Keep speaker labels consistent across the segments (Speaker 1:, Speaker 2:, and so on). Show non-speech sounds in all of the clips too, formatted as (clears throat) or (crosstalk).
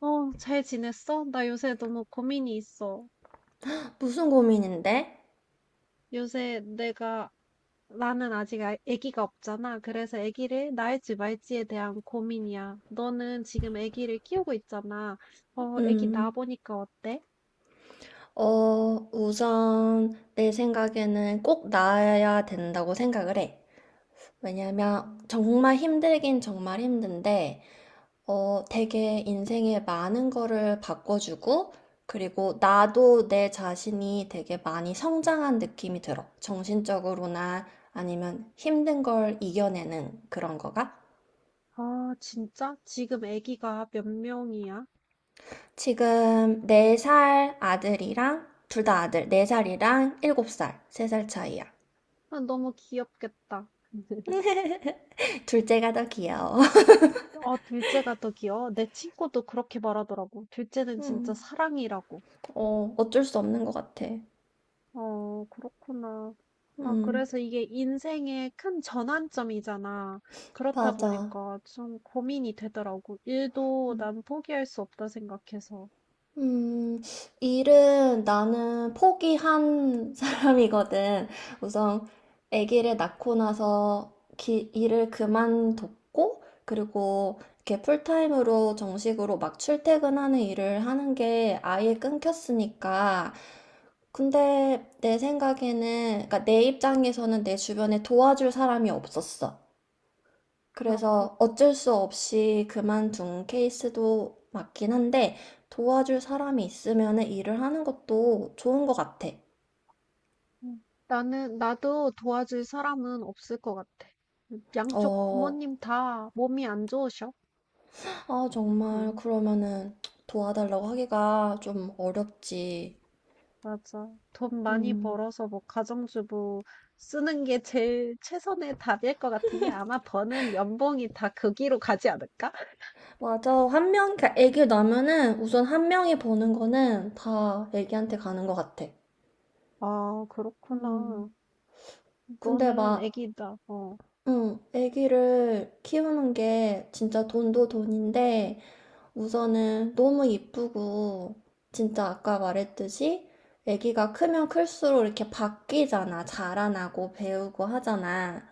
Speaker 1: 어, 잘 지냈어? 나 요새 너무 고민이 있어.
Speaker 2: 무슨 고민인데?
Speaker 1: 요새 내가, 나는 아직 아기가 없잖아. 그래서 아기를 낳을지 말지에 대한 고민이야. 너는 지금 아기를 키우고 있잖아. 어, 아기
Speaker 2: 음,
Speaker 1: 낳아보니까 어때?
Speaker 2: 우선 내 생각에는 꼭 나아야 된다고 생각을 해. 왜냐면
Speaker 1: 음.
Speaker 2: 정말 힘들긴 정말 힘든데, 되게 인생에 많은 거를 바꿔주고, 그리고 나도 내 자신이 되게 많이 성장한 느낌이 들어. 정신적으로나 아니면 힘든 걸 이겨내는 그런 거가.
Speaker 1: 아, 진짜? 지금 아기가 몇 명이야?
Speaker 2: 지금 4살 아들이랑, 둘 다 아들, 4살이랑 7살, 3살 차이야.
Speaker 1: 아, 너무 귀엽겠다. (laughs)
Speaker 2: 둘째가 더 귀여워. (laughs)
Speaker 1: 어, 둘째가 더 귀여워. 내 친구도 그렇게 말하더라고. 둘째는 진짜
Speaker 2: 음,
Speaker 1: 사랑이라고.
Speaker 2: 어쩔 수 없는 것 같아.
Speaker 1: 어, 그렇구나. 아,
Speaker 2: 음,
Speaker 1: 그래서 이게 인생의 큰 전환점이잖아. 그렇다
Speaker 2: 맞아.
Speaker 1: 보니까 좀 고민이 되더라고. 일도 난 포기할 수 없다 생각해서.
Speaker 2: 음, 일은 나는 포기한 (laughs) 사람이거든. 우선 아기를 낳고 나서 일을 그만뒀고, 그리고 이렇게 풀타임으로 정식으로 막 출퇴근하는 일을 하는 게 아예 끊겼으니까. 근데 내 생각에는, 그러니까 내 입장에서는 내 주변에 도와줄 사람이 없었어.
Speaker 1: 그렇군.
Speaker 2: 그래서 어쩔 수 없이 그만둔 케이스도 맞긴 한데 도와줄 사람이 있으면 일을 하는 것도 좋은 것 같아.
Speaker 1: 음. 나는, 나도 도와줄 사람은 없을 것 같아. 양쪽
Speaker 2: 어,
Speaker 1: 부모님 다 몸이 안 좋으셔.
Speaker 2: 정말
Speaker 1: 응,
Speaker 2: 그러면은 도와달라고 하기가 좀 어렵지.
Speaker 1: 맞아. 돈 많이
Speaker 2: 음,
Speaker 1: 벌어서 뭐 가정주부 쓰는 게 제일 최선의 답일 것 같은데 아마 버는 연봉이 다 거기로 가지 않을까?
Speaker 2: 맞아. 한 명, 그러니까 애기 나면은 우선 한 명이 버는 거는 다 애기한테 가는 것 같아.
Speaker 1: 아,
Speaker 2: 음,
Speaker 1: 그렇구나.
Speaker 2: 근데
Speaker 1: 너는
Speaker 2: 막,
Speaker 1: 애기다. 어.
Speaker 2: 응, 애기를 키우는 게 진짜 돈도 돈인데 우선은 너무 이쁘고 진짜 아까 말했듯이 아기가 크면 클수록 이렇게 바뀌잖아. 자라나고 배우고 하잖아.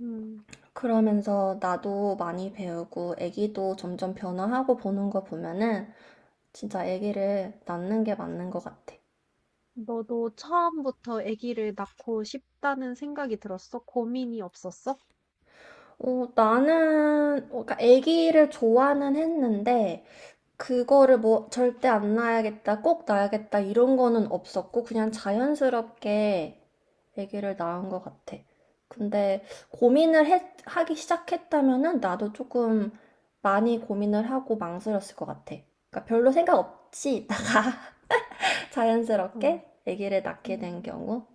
Speaker 1: 음.
Speaker 2: 그러면서 나도 많이 배우고 아기도 점점 변화하고 보는 거 보면은 진짜 아기를 낳는 게 맞는 것 같아.
Speaker 1: 너도 처음부터 애기를 낳고 싶다는 생각이 들었어? 고민이 없었어?
Speaker 2: 나는 그러니까 아기를 좋아는 했는데 그거를 뭐 절대 안 낳아야겠다, 꼭 낳아야겠다 이런 거는 없었고 그냥 자연스럽게 아기를 낳은 것 같아. 근데 고민을 하기 시작했다면은 나도 조금 많이 고민을 하고 망설였을 것 같아. 그러니까 별로 생각 없이 있다가 (laughs)
Speaker 1: 어.
Speaker 2: 자연스럽게 아기를 낳게
Speaker 1: 음.
Speaker 2: 된 경우.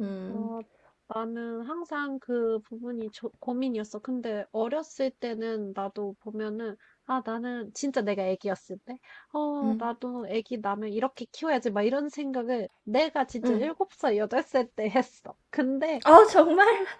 Speaker 2: 음.
Speaker 1: 어, 나는 항상 그 부분이 고민이었어. 근데 어렸을 때는 나도 보면은, 아, 나는 진짜 내가 애기였을 때, 어,
Speaker 2: 음.
Speaker 1: 나도 애기 나면 이렇게 키워야지. 막 이런 생각을 내가 진짜
Speaker 2: 음.
Speaker 1: 7살 8살 때 했어. 근데
Speaker 2: 아, 정말?
Speaker 1: (laughs)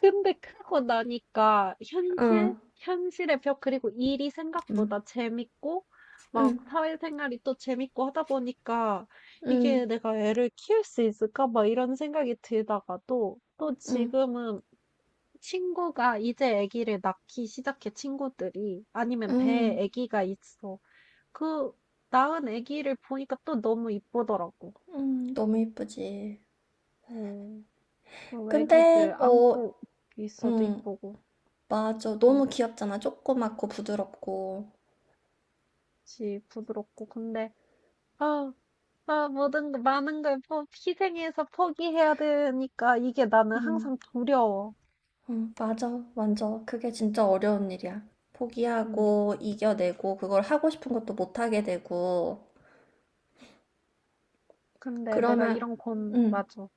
Speaker 1: 근데 크고 나니까 현실,
Speaker 2: 응.
Speaker 1: 현실의 벽, 그리고 일이
Speaker 2: 음.
Speaker 1: 생각보다 재밌고, 막
Speaker 2: 음.
Speaker 1: 사회생활이 또 재밌고 하다 보니까 이게
Speaker 2: 음.
Speaker 1: 내가 애를 키울 수 있을까? 막 이런 생각이 들다가도 또
Speaker 2: 음.
Speaker 1: 지금은 친구가 이제 아기를 낳기 시작해 친구들이 아니면 배에
Speaker 2: 음.
Speaker 1: 아기가 있어. 그 낳은 아기를 보니까 또 너무 이쁘더라고.
Speaker 2: 너무 이쁘지.
Speaker 1: 음, 그 아기들
Speaker 2: 근데, 어.
Speaker 1: 안고 있어도
Speaker 2: 응,
Speaker 1: 이쁘고.
Speaker 2: 맞아.
Speaker 1: 음.
Speaker 2: 너무 귀엽잖아. 조그맣고 부드럽고.
Speaker 1: 그치, 부드럽고. 근데, 아, 아, 모든, 많은 걸 희생해서 포기해야 되니까 이게 나는
Speaker 2: 응.
Speaker 1: 항상 두려워.
Speaker 2: 응, 맞아. 완전. 그게 진짜 어려운 일이야.
Speaker 1: 음.
Speaker 2: 포기하고, 이겨내고, 그걸 하고 싶은 것도 못하게 되고.
Speaker 1: 근데 내가
Speaker 2: 그러면,
Speaker 1: 이런 고
Speaker 2: 응,
Speaker 1: 맞아.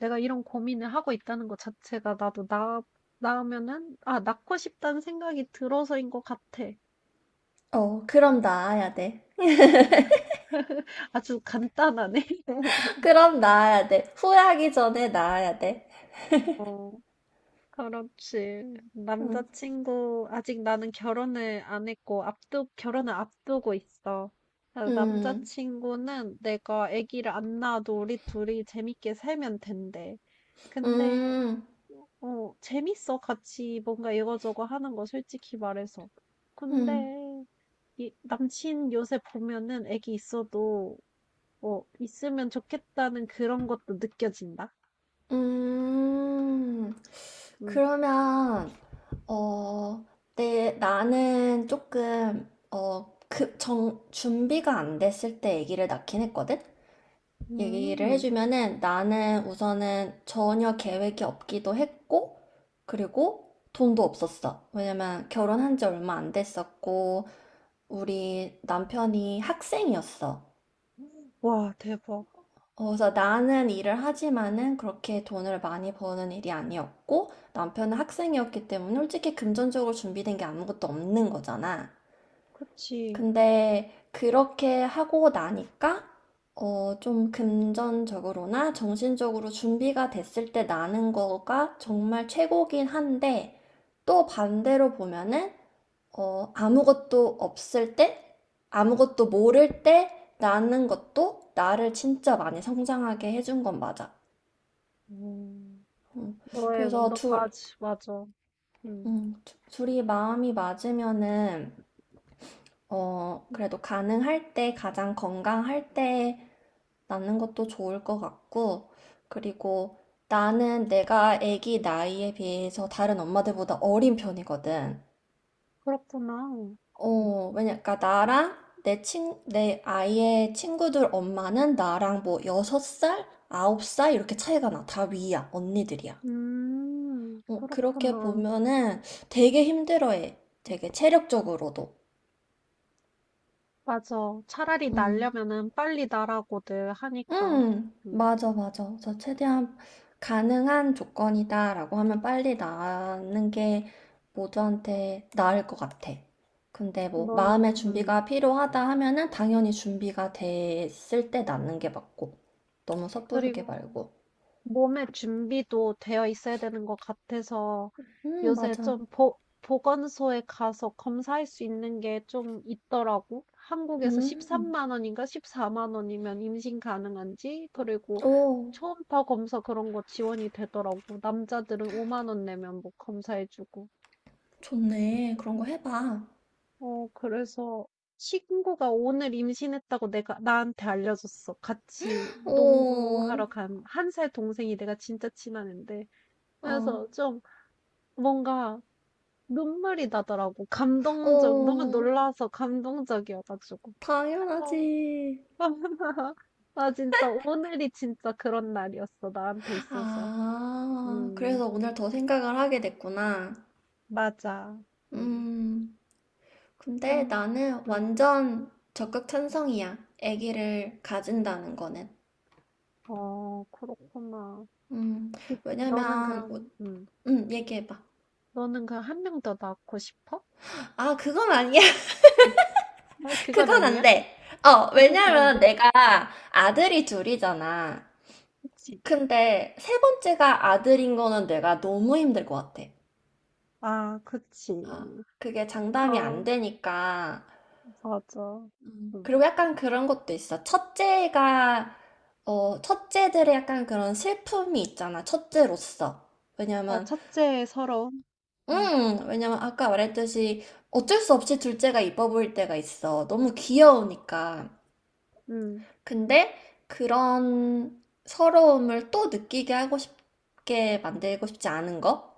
Speaker 1: 내가 이런 고민을 하고 있다는 것 자체가 나도 나으면은, 아, 낳고 싶다는 생각이 들어서인 것 같아.
Speaker 2: 어, 그럼 나아야 돼.
Speaker 1: 아주 간단하네. (laughs)
Speaker 2: (laughs) 그럼 나아야 돼. 후회하기 전에 나아야 돼.
Speaker 1: 어. 그렇지.
Speaker 2: 응.
Speaker 1: 남자친구, 아직 나는 결혼을 안 했고, 결혼을 앞두고 있어. 그래서
Speaker 2: 음.
Speaker 1: 남자친구는 내가 아기를 안 낳아도 우리 둘이 재밌게 살면 된대. 근데,
Speaker 2: 음.
Speaker 1: 재밌어. 같이 뭔가 이거저거 하는 거, 솔직히 말해서.
Speaker 2: 음.
Speaker 1: 근데, 이, 남친 요새 보면은 아기 있어도, 있으면 좋겠다는 그런 것도 느껴진다.
Speaker 2: 음.
Speaker 1: 음.
Speaker 2: 그러면, 어, 나는 조금, 준비가 안 됐을 때 얘기를 낳긴 했거든? 얘기를
Speaker 1: 음.
Speaker 2: 해주면은 나는 우선은 전혀 계획이 없기도 했고, 그리고 돈도 없었어. 왜냐면 결혼한 지 얼마 안 됐었고, 우리 남편이 학생이었어.
Speaker 1: 와, 대박.
Speaker 2: 그래서 나는 일을 하지만은 그렇게 돈을 많이 버는 일이 아니었고 남편은 학생이었기 때문에 솔직히 금전적으로 준비된 게 아무것도 없는 거잖아.
Speaker 1: 그치.
Speaker 2: 근데 그렇게 하고 나니까 좀 금전적으로나 정신적으로 준비가 됐을 때 나는 거가 정말 최고긴 한데 또 반대로 보면은 아무것도 없을 때, 아무것도 모를 때 나는 것도 나를 진짜 많이 성장하게 해준 건 맞아.
Speaker 1: 음,
Speaker 2: 음,
Speaker 1: 너의,
Speaker 2: 그래서
Speaker 1: 너까지, 맞아. 음.
Speaker 2: 둘이 마음이 맞으면은,
Speaker 1: 음.
Speaker 2: 그래도 가능할 때, 가장 건강할 때 낳는 것도 좋을 것 같고, 그리고 나는 내가 아기 나이에 비해서 다른 엄마들보다 어린 편이거든.
Speaker 1: 그렇구나. 음.
Speaker 2: 그러니까 나랑 내 아이의 친구들 엄마는 나랑 뭐 여섯 살 아홉 살 이렇게 차이가 나. 다 위야, 언니들이야.
Speaker 1: 음.
Speaker 2: 그렇게
Speaker 1: 그렇구나.
Speaker 2: 보면은 되게 힘들어해. 되게 체력적으로도.
Speaker 1: 맞아. 차라리
Speaker 2: 음.
Speaker 1: 날려면은 빨리 나라고들 하니까. 음,
Speaker 2: 맞아, 맞아. 그래서 최대한 가능한 조건이다라고 하면 빨리 나는 게 모두한테 나을 것 같아. 근데 뭐
Speaker 1: 넌,
Speaker 2: 마음의
Speaker 1: 음,
Speaker 2: 준비가 필요하다 하면은 당연히 준비가 됐을 때 낳는 게 맞고. 너무 섣부르게
Speaker 1: 그리고,
Speaker 2: 말고.
Speaker 1: 몸의 준비도 되어 있어야 되는 것 같아서 요새
Speaker 2: 맞아.
Speaker 1: 좀 보건소에 가서 검사할 수 있는 게 좀 있더라고. 한국에서
Speaker 2: 음.
Speaker 1: 13만 원인가 14만 원이면 임신 가능한지, 그리고
Speaker 2: 오,
Speaker 1: 초음파 검사 그런 거 지원이 되더라고. 남자들은 5만 원 내면 뭐 검사해주고.
Speaker 2: 좋네. 그런 거 해봐.
Speaker 1: 어, 그래서 친구가 오늘 임신했다고 내가 나한테 알려줬어. 같이
Speaker 2: 오,
Speaker 1: 농구하러 간 1살 동생이 내가 진짜 친한 앤데.
Speaker 2: 어,
Speaker 1: 그래서 좀 뭔가 눈물이 나더라고. 감동적, 너무
Speaker 2: 어,
Speaker 1: 놀라서 감동적이어가지고. 그래서,
Speaker 2: 당연하지.
Speaker 1: (laughs) 아, 진짜 오늘이 진짜 그런 날이었어. 나한테 있어서.
Speaker 2: 아,
Speaker 1: 음,
Speaker 2: 그래서 오늘 더 생각을 하게 됐구나.
Speaker 1: 맞아. 음.
Speaker 2: 음, 근데
Speaker 1: 근,
Speaker 2: 나는
Speaker 1: 음.
Speaker 2: 완전 적극 찬성이야. 아기를 가진다는 거는.
Speaker 1: 어, 그렇구나.
Speaker 2: 음,
Speaker 1: 이- 그- 너는
Speaker 2: 왜냐면, 어,
Speaker 1: 그럼, 음,
Speaker 2: 얘기해봐.
Speaker 1: 너는 그럼 1명 더 낳고 싶어?
Speaker 2: 아, 그건 아니야.
Speaker 1: 음. 아,
Speaker 2: (laughs)
Speaker 1: 그건
Speaker 2: 그건
Speaker 1: 아니야?
Speaker 2: 안 돼.
Speaker 1: 아, 그건 안
Speaker 2: 왜냐면
Speaker 1: 돼.
Speaker 2: 내가 아들이 둘이잖아.
Speaker 1: 그치.
Speaker 2: 근데 세 번째가 아들인 거는 내가 너무 힘들 것 같아.
Speaker 1: 아,
Speaker 2: 아,
Speaker 1: 그치.
Speaker 2: 그게 장담이
Speaker 1: 어,
Speaker 2: 안 되니까.
Speaker 1: 맞아.
Speaker 2: 그리고
Speaker 1: 음.
Speaker 2: 약간 그런 것도 있어. 첫째가, 첫째들의 약간 그런 슬픔이 있잖아. 첫째로서.
Speaker 1: 아,
Speaker 2: 왜냐면,
Speaker 1: 첫째 서러움? 음.
Speaker 2: 왜냐면 아까 말했듯이 어쩔 수 없이 둘째가 이뻐 보일 때가 있어. 너무 귀여우니까.
Speaker 1: 음.
Speaker 2: 근데 그런 서러움을 또 느끼게 하고 싶게 만들고 싶지 않은 거?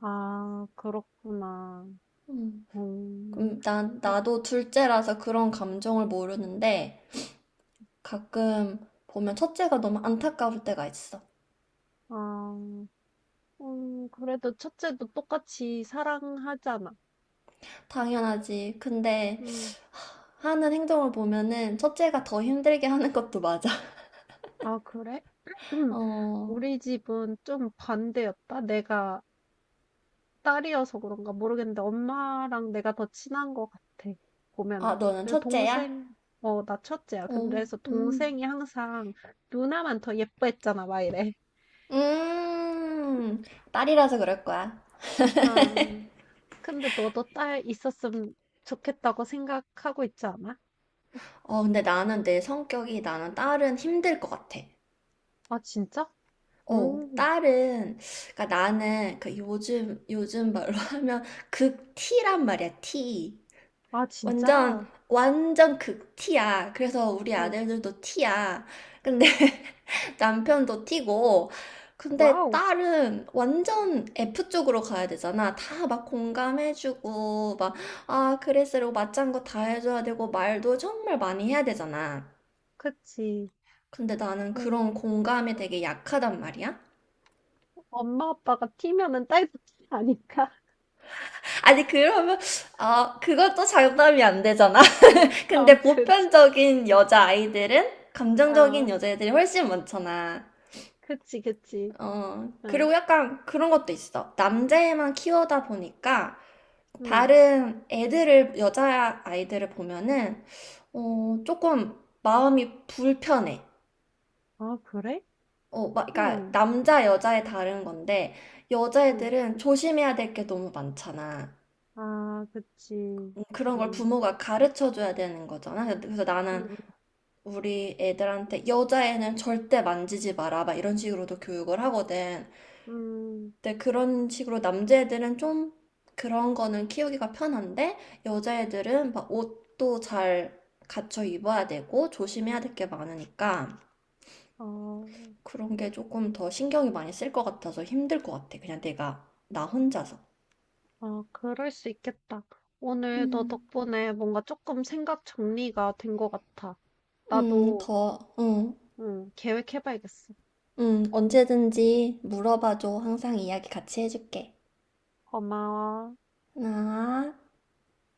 Speaker 1: 아, 그렇구나.
Speaker 2: 음,
Speaker 1: 음. 음.
Speaker 2: 나도 둘째라서 그런 감정을 모르는데 가끔 보면 첫째가 너무 안타까울 때가 있어.
Speaker 1: 아. 음, 그래도 첫째도 똑같이 사랑하잖아.
Speaker 2: 당연하지. 근데
Speaker 1: 음.
Speaker 2: 하는 행동을 보면은 첫째가 더 힘들게 하는 것도 맞아.
Speaker 1: 아, 그래?
Speaker 2: (laughs)
Speaker 1: (clears throat)
Speaker 2: 어.
Speaker 1: 우리 집은 좀 반대였다. 내가 딸이어서 그런가 모르겠는데 엄마랑 내가 더 친한 것 같아,
Speaker 2: 아,
Speaker 1: 보면은.
Speaker 2: 너는
Speaker 1: 그
Speaker 2: 첫째야?
Speaker 1: 동생. 어, 나 첫째야. 근데
Speaker 2: 어,
Speaker 1: 그래서
Speaker 2: 음,
Speaker 1: 동생이 항상 "누나만 더 예뻐했잖아." 막 이래.
Speaker 2: 음, 딸이라서 그럴 거야.
Speaker 1: 아. 근데 너도 딸 있었으면 좋겠다고 생각하고 있지 않아?
Speaker 2: 근데 나는 내 성격이 나는 딸은 힘들 것 같아.
Speaker 1: 아, 진짜? 오,
Speaker 2: 딸은, 그러니까 나는 요즘 말로 (laughs) 하면 극 T란 말이야, T.
Speaker 1: 아,
Speaker 2: 완전
Speaker 1: 진짜?
Speaker 2: 완전 극티야. 그래서 우리
Speaker 1: 어,
Speaker 2: 아들들도 티야. 근데 (laughs) 남편도 티고. 근데
Speaker 1: 와우.
Speaker 2: 딸은 완전 F 쪽으로 가야 되잖아. 다 막 공감해주고, 막, 아, 그랬으라고 맞장구 다 해줘야 되고, 말도 정말 많이 해야 되잖아.
Speaker 1: 그치.
Speaker 2: 근데 나는
Speaker 1: 음,
Speaker 2: 그런 공감이 되게 약하단 말이야.
Speaker 1: 엄마, 아빠가 튀면은 딸도 튀 아니까. (laughs)
Speaker 2: 아니, 그러면, 아, 그것도 장담이 안 되잖아.
Speaker 1: 아,
Speaker 2: 근데
Speaker 1: 그치.
Speaker 2: 보편적인 여자 아이들은 감정적인
Speaker 1: 아,
Speaker 2: 여자애들이 훨씬 많잖아.
Speaker 1: 그치, 그치. 어,
Speaker 2: 그리고 약간 그런 것도 있어. 남자애만 키우다 보니까
Speaker 1: 응.
Speaker 2: 다른 애들을, 여자 아이들을 보면은, 조금 마음이 불편해.
Speaker 1: 아, 그래?
Speaker 2: 막, 그러니까
Speaker 1: 응,
Speaker 2: 남자, 여자에 다른 건데,
Speaker 1: 응.
Speaker 2: 여자애들은 조심해야 될 게 너무 많잖아.
Speaker 1: 아, 그치.
Speaker 2: 그런 걸
Speaker 1: 응,
Speaker 2: 부모가 가르쳐 줘야 되는 거잖아. 그래서 나는
Speaker 1: 응,
Speaker 2: 우리 애들한테 여자애는 절대 만지지 마라 막 이런 식으로도 교육을 하거든.
Speaker 1: 응.
Speaker 2: 근데 그런 식으로 남자애들은 좀 그런 거는 키우기가 편한데 여자애들은 막 옷도 잘 갖춰 입어야 되고 조심해야 될 게 많으니까
Speaker 1: 어.
Speaker 2: 그런 게 조금 더 신경이 많이 쓸 것 같아서 힘들 것 같아. 그냥 내가 나 혼자서.
Speaker 1: 아, 그럴 수 있겠다. 오늘 너
Speaker 2: 음,
Speaker 1: 덕분에 뭔가 조금 생각 정리가 된 것 같아. 나도,
Speaker 2: 더, 응,
Speaker 1: 응, 계획해봐야겠어.
Speaker 2: 응, 언제든지 물어봐줘. 항상 이야기 같이 해줄게.
Speaker 1: 고마워.
Speaker 2: 하나,